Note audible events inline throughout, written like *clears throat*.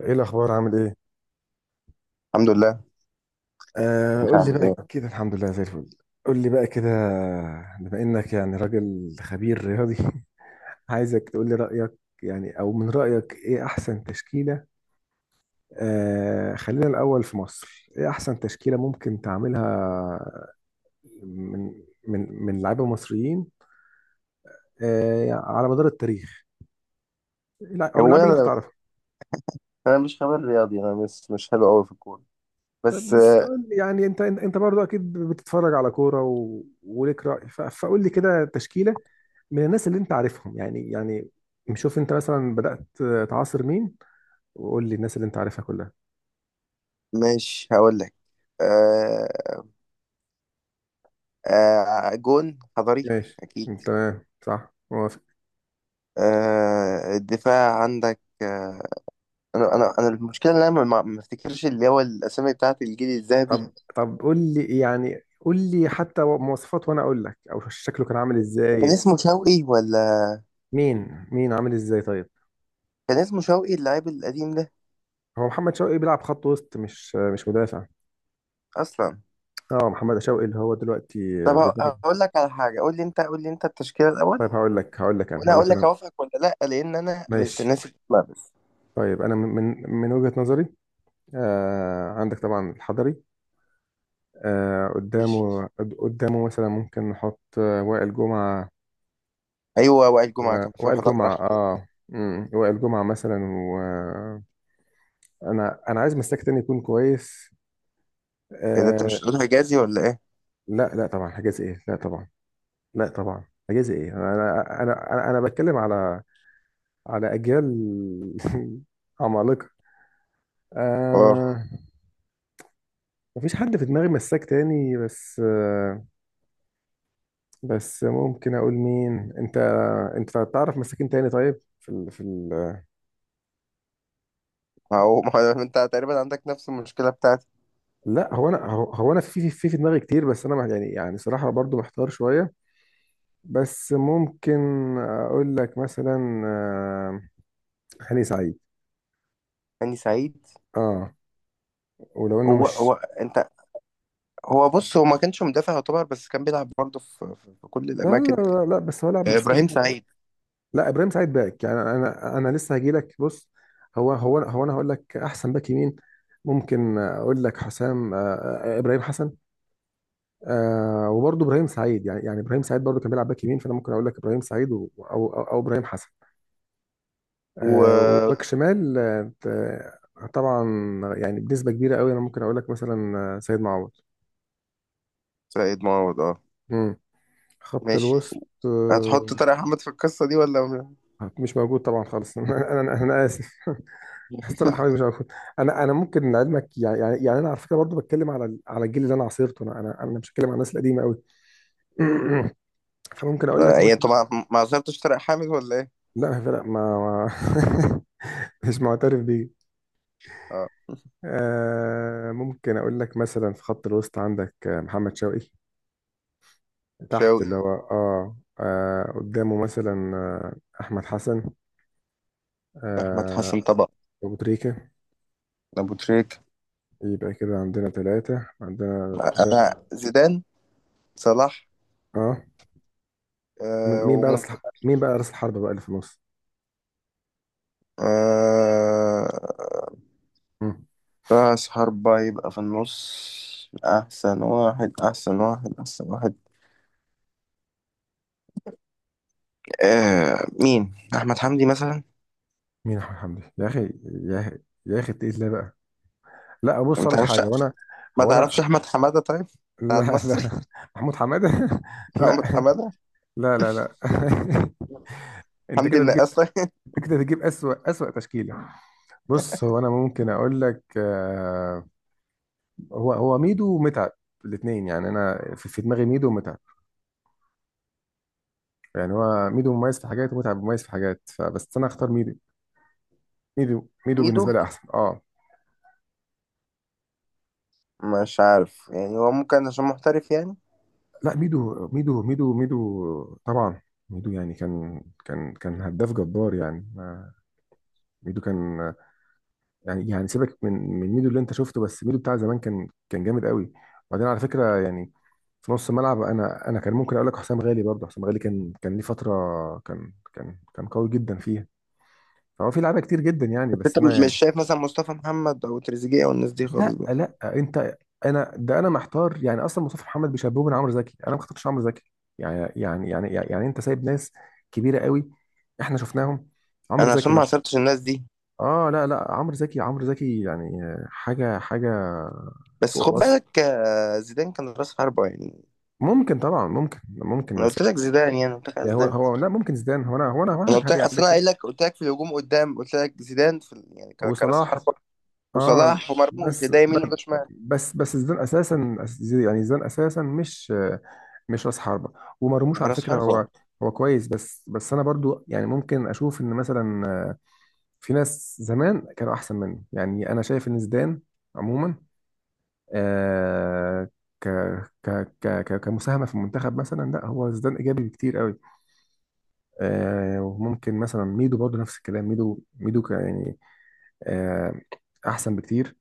ايه الاخبار عامل ايه؟ الحمد لله. آه انت قول لي عامل بقى ايه؟ كده، الحمد لله زي الفل. قول لي بقى كده. بما انك يعني راجل خبير رياضي *laughs* عايزك تقول لي رايك، يعني او من رايك ايه احسن تشكيله. آه خلينا الاول في مصر، ايه احسن تشكيله ممكن تعملها من من لعيبه مصريين آه على مدار التاريخ، او هو اللعيبه اللي انت انا تعرفها. انا مش خبير رياضي. انا مش حلو قوي في الكوره. طيب بس، بس قول لي، يعني انت برضو اكيد بتتفرج على كوره وليك راي فقول لي كده تشكيله من الناس اللي انت عارفهم، يعني شوف انت مثلا بدات تعاصر مين، وقول لي الناس اللي انت عارفها كلها. ماشي، هقول لك. آه، جون حضري، ماشي اكيد. تمام، صح، موافق. الدفاع عندك. انا المشكله ان انا ما افتكرش اللي هو الاسامي بتاعت الجيل الذهبي. طب قول لي يعني، قول لي حتى مواصفات وانا اقول لك او شكله كان عامل كان ازاي. اسمه شوقي ولا مين عامل ازاي طيب؟ كان اسمه شوقي اللاعب القديم ده هو محمد شوقي بيلعب خط وسط، مش مدافع. اصلا؟ اه محمد شوقي اللي هو دلوقتي طب، بيدرب. هقول لك على حاجه، قول لي انت التشكيله الاول طيب هقول لك، هقول لك انا وانا هقول هقول لك لك انا اوافقك ولا لا، لان انا مش ماشي. ناسي. طيب انا من وجهة نظري، آه عندك طبعا الحضري. آه بس قدامه قدامه مثلا ممكن نحط وائل جمعة. ايوه، وائل جمعه كان في وائل واحد اقرع. جمعة اه، وائل جمعة مثلا. انا عايز مساك تاني يكون كويس، ايه ده؟ انت مش آه. هتقول حجازي ولا ايه؟ لا طبعا حجازي ايه، لا طبعا. لا طبعا حجازي ايه. انا بتكلم على على اجيال *laughs* عمالقة، اه، آه. مفيش حد في دماغي مساك تاني بس آه، بس ممكن اقول مين، انت انت تعرف مساكين تاني. طيب ما هو انت تقريبا عندك نفس المشكله بتاعتي. لا هو انا، هو انا في دماغي كتير، بس انا يعني يعني صراحة برضو محتار شوية. بس ممكن اقول لك مثلا هاني سعيد، هاني سعيد، اه، ولو انه هو مش. انت. هو، بص، هو ما كانش مدافع يعتبر، بس كان بيلعب برضه في كل لا لا الاماكن. لا, لا لا، بس هو لاعب مساك. ابراهيم سعيد لا، ابراهيم سعيد باك يعني، انا لسه هجي لك. بص، هو هو هو انا هقول لك احسن باك يمين ممكن اقول لك حسام ابراهيم حسن. آه وبرضه ابراهيم سعيد، يعني ابراهيم سعيد برضه كان بيلعب باك يمين، فانا ممكن اقول لك ابراهيم سعيد أو ابراهيم حسن. آه، و وباك شمال آه طبعا يعني بنسبه كبيره قوي، انا ممكن اقول لك مثلا سيد معوض. سعيد معوض، اه، مم. خط ماشي. الوسط هتحط آه. طارق حامد في القصه دي ولا؟ مش موجود طبعا خالص *laughs* انا اسف *laughs* مستر احمد مش موجود. انا ممكن لعلمك يعني انا على فكره برضه بتكلم على على الجيل اللي انا عاصرته، انا مش بتكلم على الناس القديمه قوي. *clears throat* فممكن اقول لك ايه، انتوا مثلا، ما عصرتوش طارق حامد ولا ايه؟ لا فرق ما, ما *laughs* مش معترف بيه. اه، آه ممكن اقول لك مثلا في خط الوسط عندك محمد شوقي تحت، شاوي، اللي هو آه قدامه مثلا آه احمد حسن، احمد آه حسن طبعا، ابو تريكه. ابو تريك، يبقى كده عندنا ثلاثه، عندنا ده انا زيدان، صلاح. اه. آه وممكن مين بقى راس الحربه بقى اللي في النص؟ آه... مم. رأس حربة يبقى في النص، أحسن واحد أحسن واحد أحسن واحد. مين؟ أحمد حمدي مثلا. مين احمد حمدي يا اخي، يا اخي يا اخي، تقيل ليه بقى؟ لا بص ما لك تعرفش؟ حاجه، وانا ما هو تعرفش انا، أحمد حمادة طيب؟ بتاع لا المصري. لا، *laughs* محمود حماده *laughs* لا أحمد حمادة، لا لا لا *laughs* انت حمدي كده بتجيب، النقاش طيب؟ انت كده بتجيب اسوأ تشكيله. بص، هو انا ممكن اقول لك هو ميدو ومتعب الاثنين، يعني انا في دماغي ميدو ومتعب. يعني هو ميدو مميز في حاجات، ومتعب مميز في حاجات، فبس انا اختار ميدو. ميدو *laughs* ميدو ميدو. بالنسبه لي احسن اه. مش عارف يعني، هو ممكن عشان محترف يعني. لا ميدو، ميدو ميدو ميدو طبعا. ميدو يعني كان هداف جبار يعني، ميدو كان يعني. يعني سيبك من ميدو اللي انت شفته، بس ميدو بتاع زمان كان جامد قوي. وبعدين على فكره يعني في نص الملعب، انا كان ممكن اقول لك حسام غالي برضه، حسام غالي كان ليه فتره كان قوي جدا فيها، فهو في لعيبه كتير جدا يعني، بس بس أنت انا مش يعني. شايف مثلا مصطفى محمد أو تريزيجيه أو الناس دي خالص لا بقى؟ لا انت، انا ده انا محتار يعني، اصلا مصطفى محمد بيشبهه من عمرو زكي، انا ما اخترتش عمرو زكي. يعني انت سايب ناس كبيره قوي، احنا شفناهم. عمرو أنا زكي عشان ما عصرتش الناس دي. اه، لا لا، عمرو زكي عمرو زكي يعني حاجه حاجه بس فوق خد الوصف. بالك، زيدان كان رأس حربة يعني. ممكن طبعا ممكن ممكن أنا بس قلت لك زيدان، يعني قلت لك على يعني، هو زيدان. هو لا، ممكن زيدان، هو انا هو انا هو انا انا قلت لك، هبي اصل عندك انا كده. قايل لك، قلت لك في الهجوم قدام، قلت لك زيدان في يعني كراس وصلاح حربة، اه. وصلاح ومرموش، بس ده يمين ب- وده شمال. بس بس زيدان اساسا يعني زيدان اساسا مش مش راس حربه. ومرموش على راس فكره حربة. هو، هو كويس، بس بس انا برضو يعني ممكن اشوف ان مثلا في ناس زمان كانوا احسن منه، يعني انا شايف ان زيدان عموما، آه، ك كمساهمه في المنتخب مثلا، لا هو زيدان ايجابي بكتير قوي. آه، وممكن مثلا ميدو برضه نفس الكلام، ميدو ميدو يعني آه، احسن بكتير.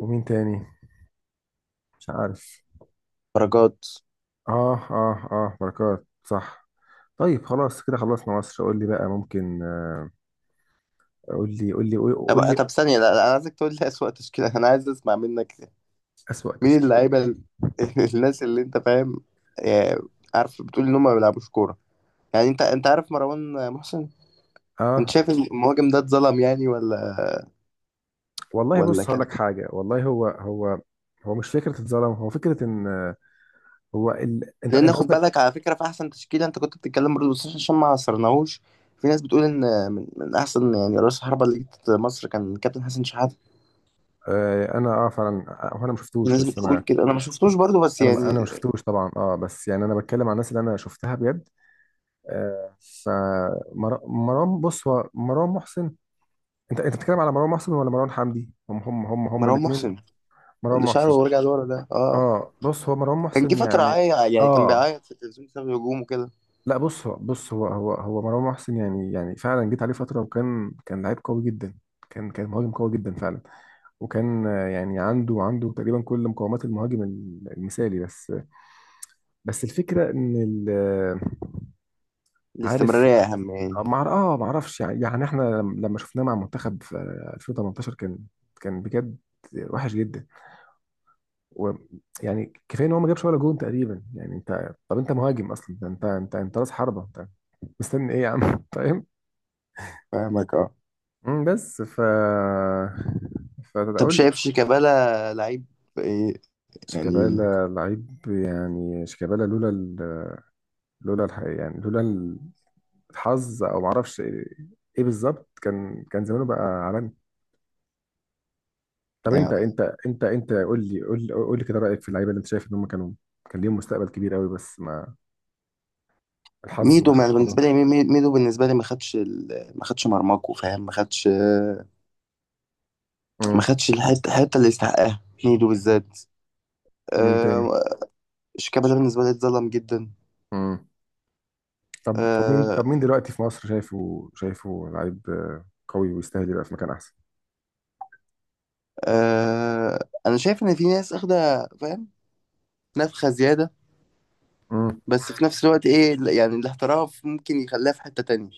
ومين تاني؟ مش عارف. درجات. اه اه اه بركات صح. طيب خلاص كده خلصنا مصر. قول لي بقى ممكن قول لي قول لي قول طب قول لي طب ثانية، لا لا، انا عايزك تقول لي أسوأ تشكيلة، انا عايز اسمع منك. اسوأ مين تشكيلة. اللعيبة *laughs* الناس اللي انت فاهم، آه، عارف، بتقول ان هم ما بيلعبوش كورة. يعني انت عارف مروان محسن، انت اه شايف المهاجم ده اتظلم يعني ولا والله ولا بص هقول كان؟ لك حاجة، والله هو، هو هو مش فكرة اتظلم، هو فكرة ان هو انت لان انت خد قصدك بالك، على فكره، في احسن تشكيله انت كنت بتتكلم برضه، بس عشان ما عصرناهوش. في ناس بتقول ان من احسن يعني رأس حربة اللي جت مصر كان كابتن حسن شحاته. انا اه فعلا هو انا ما في شفتوش، ناس بس بتقول انا كده، انا ما شفتوش برضه بس انا ما يعني. شفتوش طبعا اه، بس يعني انا بتكلم عن الناس اللي انا شفتها بجد، آه. فمروان، بص هو مروان محسن، انت بتتكلم على مروان محسن ولا مروان حمدي؟ هم مروان الاثنين. محسن مروان اللي شعره محسن ورجع لورا ده، اه، اه، بص هو مروان كان جه محسن فتره يعني يعني كان اه، بيعيط في التلفزيون بسبب الهجوم وكده. لا بص هو، هو مروان محسن يعني، يعني فعلا جيت عليه فتره وكان كان لعيب قوي جدا، كان مهاجم قوي جدا فعلا، وكان يعني عنده تقريبا كل مقومات المهاجم المثالي، بس بس الفكرة ان عارف. الاستمراريه اهم يعني. مع اه ما اعرفش يعني، يعني احنا لما شفناه مع منتخب في 2018 كان كان بجد وحش جدا. ويعني كفايه ان هو ما جابش ولا جون تقريبا يعني، انت طب انت مهاجم اصلا ده، انت راس حربه انت، مستني ايه يا عم *laughs* فاهم. فاهمك، اه. بس ف طب، فاقول شايف شيكابالا لعيب؟ ايه يعني شيكابالا لعيب يعني، شيكابالا لولا لولا يعني لولا الحظ او ما اعرفش ايه، إيه بالظبط، كان كان زمانه بقى عالمي. طب يعني انت، انت قول لي، قول لي كده رايك في اللعيبه اللي انت شايف ان هم كانوا كان ليهم مستقبل كبير قوي، بس ما الحظ ميدو ما- ما بالنسبه خدهمش. لي، ميدو بالنسبه لي ما خدش، ما خدش مرماكو، فاهم، ما خدش ما امم. خدش الحته اللي يستحقها، هيدو بالذات. ومين تاني؟ آه، شيكابالا ده بالنسبه لي اتظلم جدا. امم. طب طب مين آه طب مين دلوقتي في مصر شايفه، شايفه لعيب قوي ويستاهل يبقى في مكان احسن؟ آه انا شايف ان في ناس اخده، فاهم، نفخه زياده، امم. بس في نفس الوقت ايه يعني؟ الاحتراف ممكن يخليها في حته تانية،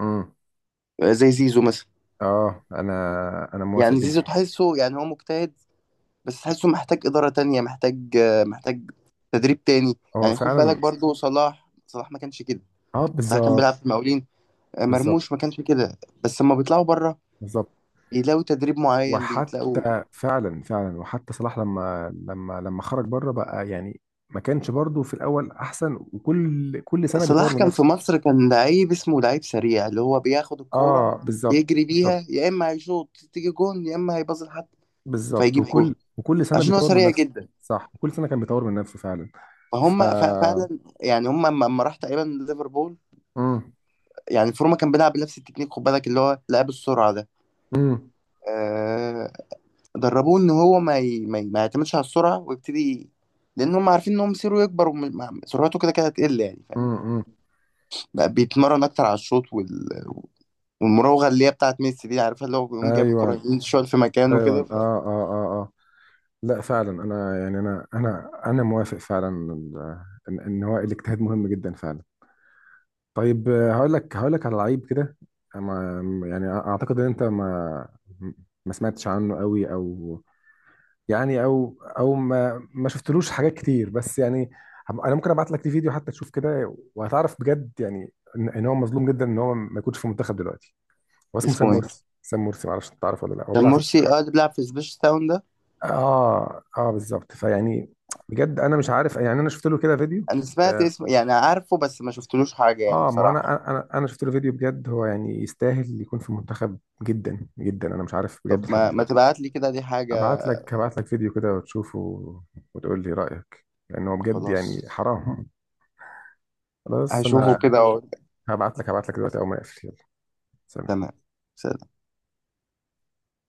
امم زي زيزو مثلا. اه، انا موافق يعني زيزو جدا. تحسه يعني هو مجتهد، بس تحسه محتاج إدارة تانية، محتاج تدريب تاني. هو يعني خد بالك فعلا برضو، صلاح صلاح ما كانش كده، اه صلاح كان بيلعب بالظبط في المقاولين. بالظبط. مرموش ما كانش كده، بس لما بيطلعوا بره بالظبط. بيلاقوا تدريب معين، بيتلاقوا. وحتى فعلا فعلا، وحتى صلاح لما لما خرج بره بقى يعني ما كانش برضه في الاول احسن، وكل كل سنه صلاح بيطور من كان في نفسه. مصر كان لعيب، اسمه لعيب سريع، اللي هو بياخد الكورة اه بالظبط يجري بالظبط. بيها، يا إما هيشوط تيجي جون يا إما هيباصي لحد بالظبط. فيجيب جون، وكل وكل سنه عشان هو بيطور من سريع نفسه. جدا. صح، كل سنه كان بيطور من نفسه فعلا. ف فهم فعلا، يعني هم لما راح تقريبا ليفربول، امم. يعني فورما كان بيلعب بنفس التكنيك، خد بالك اللي هو لعب السرعة ده. امم آه دربوه إن هو ما يعتمدش على السرعة ويبتدي، لأن هم عارفين إن هم مصيره يكبر وسرعته كده كده هتقل، يعني فاهم. امم. امم. بقى بيتمرن أكتر على الشوط والمراوغه اللي هي بتاعت ميسي دي، عارفها، اللي هو بيقوم جايب الكوره ايوه يمين شويه في مكانه ايوه كده اه اه اه اه. لا فعلا انا يعني، انا موافق فعلا ان إن هو الاجتهاد مهم جدا فعلا. طيب هقول لك على لعيب كده، يعني اعتقد ان انت ما سمعتش عنه قوي، او يعني او ما شفتلوش حاجات كتير، بس يعني انا ممكن ابعت لك فيديو حتى تشوف كده، وهتعرف بجد يعني ان إن هو مظلوم جدا ان هو ما يكونش في المنتخب دلوقتي. هو اسمه سام اسمه ايه؟ مرسي، سام مرسي معرفش انت تعرفه ولا لا، هو كان بيلعب في مرسي، اه، الانتر. اللي بيلعب في سبيش تاون ده. اه اه بالظبط، فيعني بجد انا مش عارف يعني، انا شفت له كده فيديو، انا سمعت اسمه يعني، عارفه، بس ما شفتلوش حاجه يعني، اه ما بصراحه. انا شفت له فيديو، بجد هو يعني يستاهل يكون في المنتخب جدا جدا، انا مش عارف بجد طب لحد ما دلوقتي. تبعت لي كده، دي حاجه. هبعت لك فيديو كده وتشوفه، وتقول لي رأيك، لان هو بجد خلاص، يعني حرام. *laughs* خلاص هشوفه انا كده واقول لك. هبعت لك دلوقتي اول ما اقفل. يلا سلام. تمام. سلام.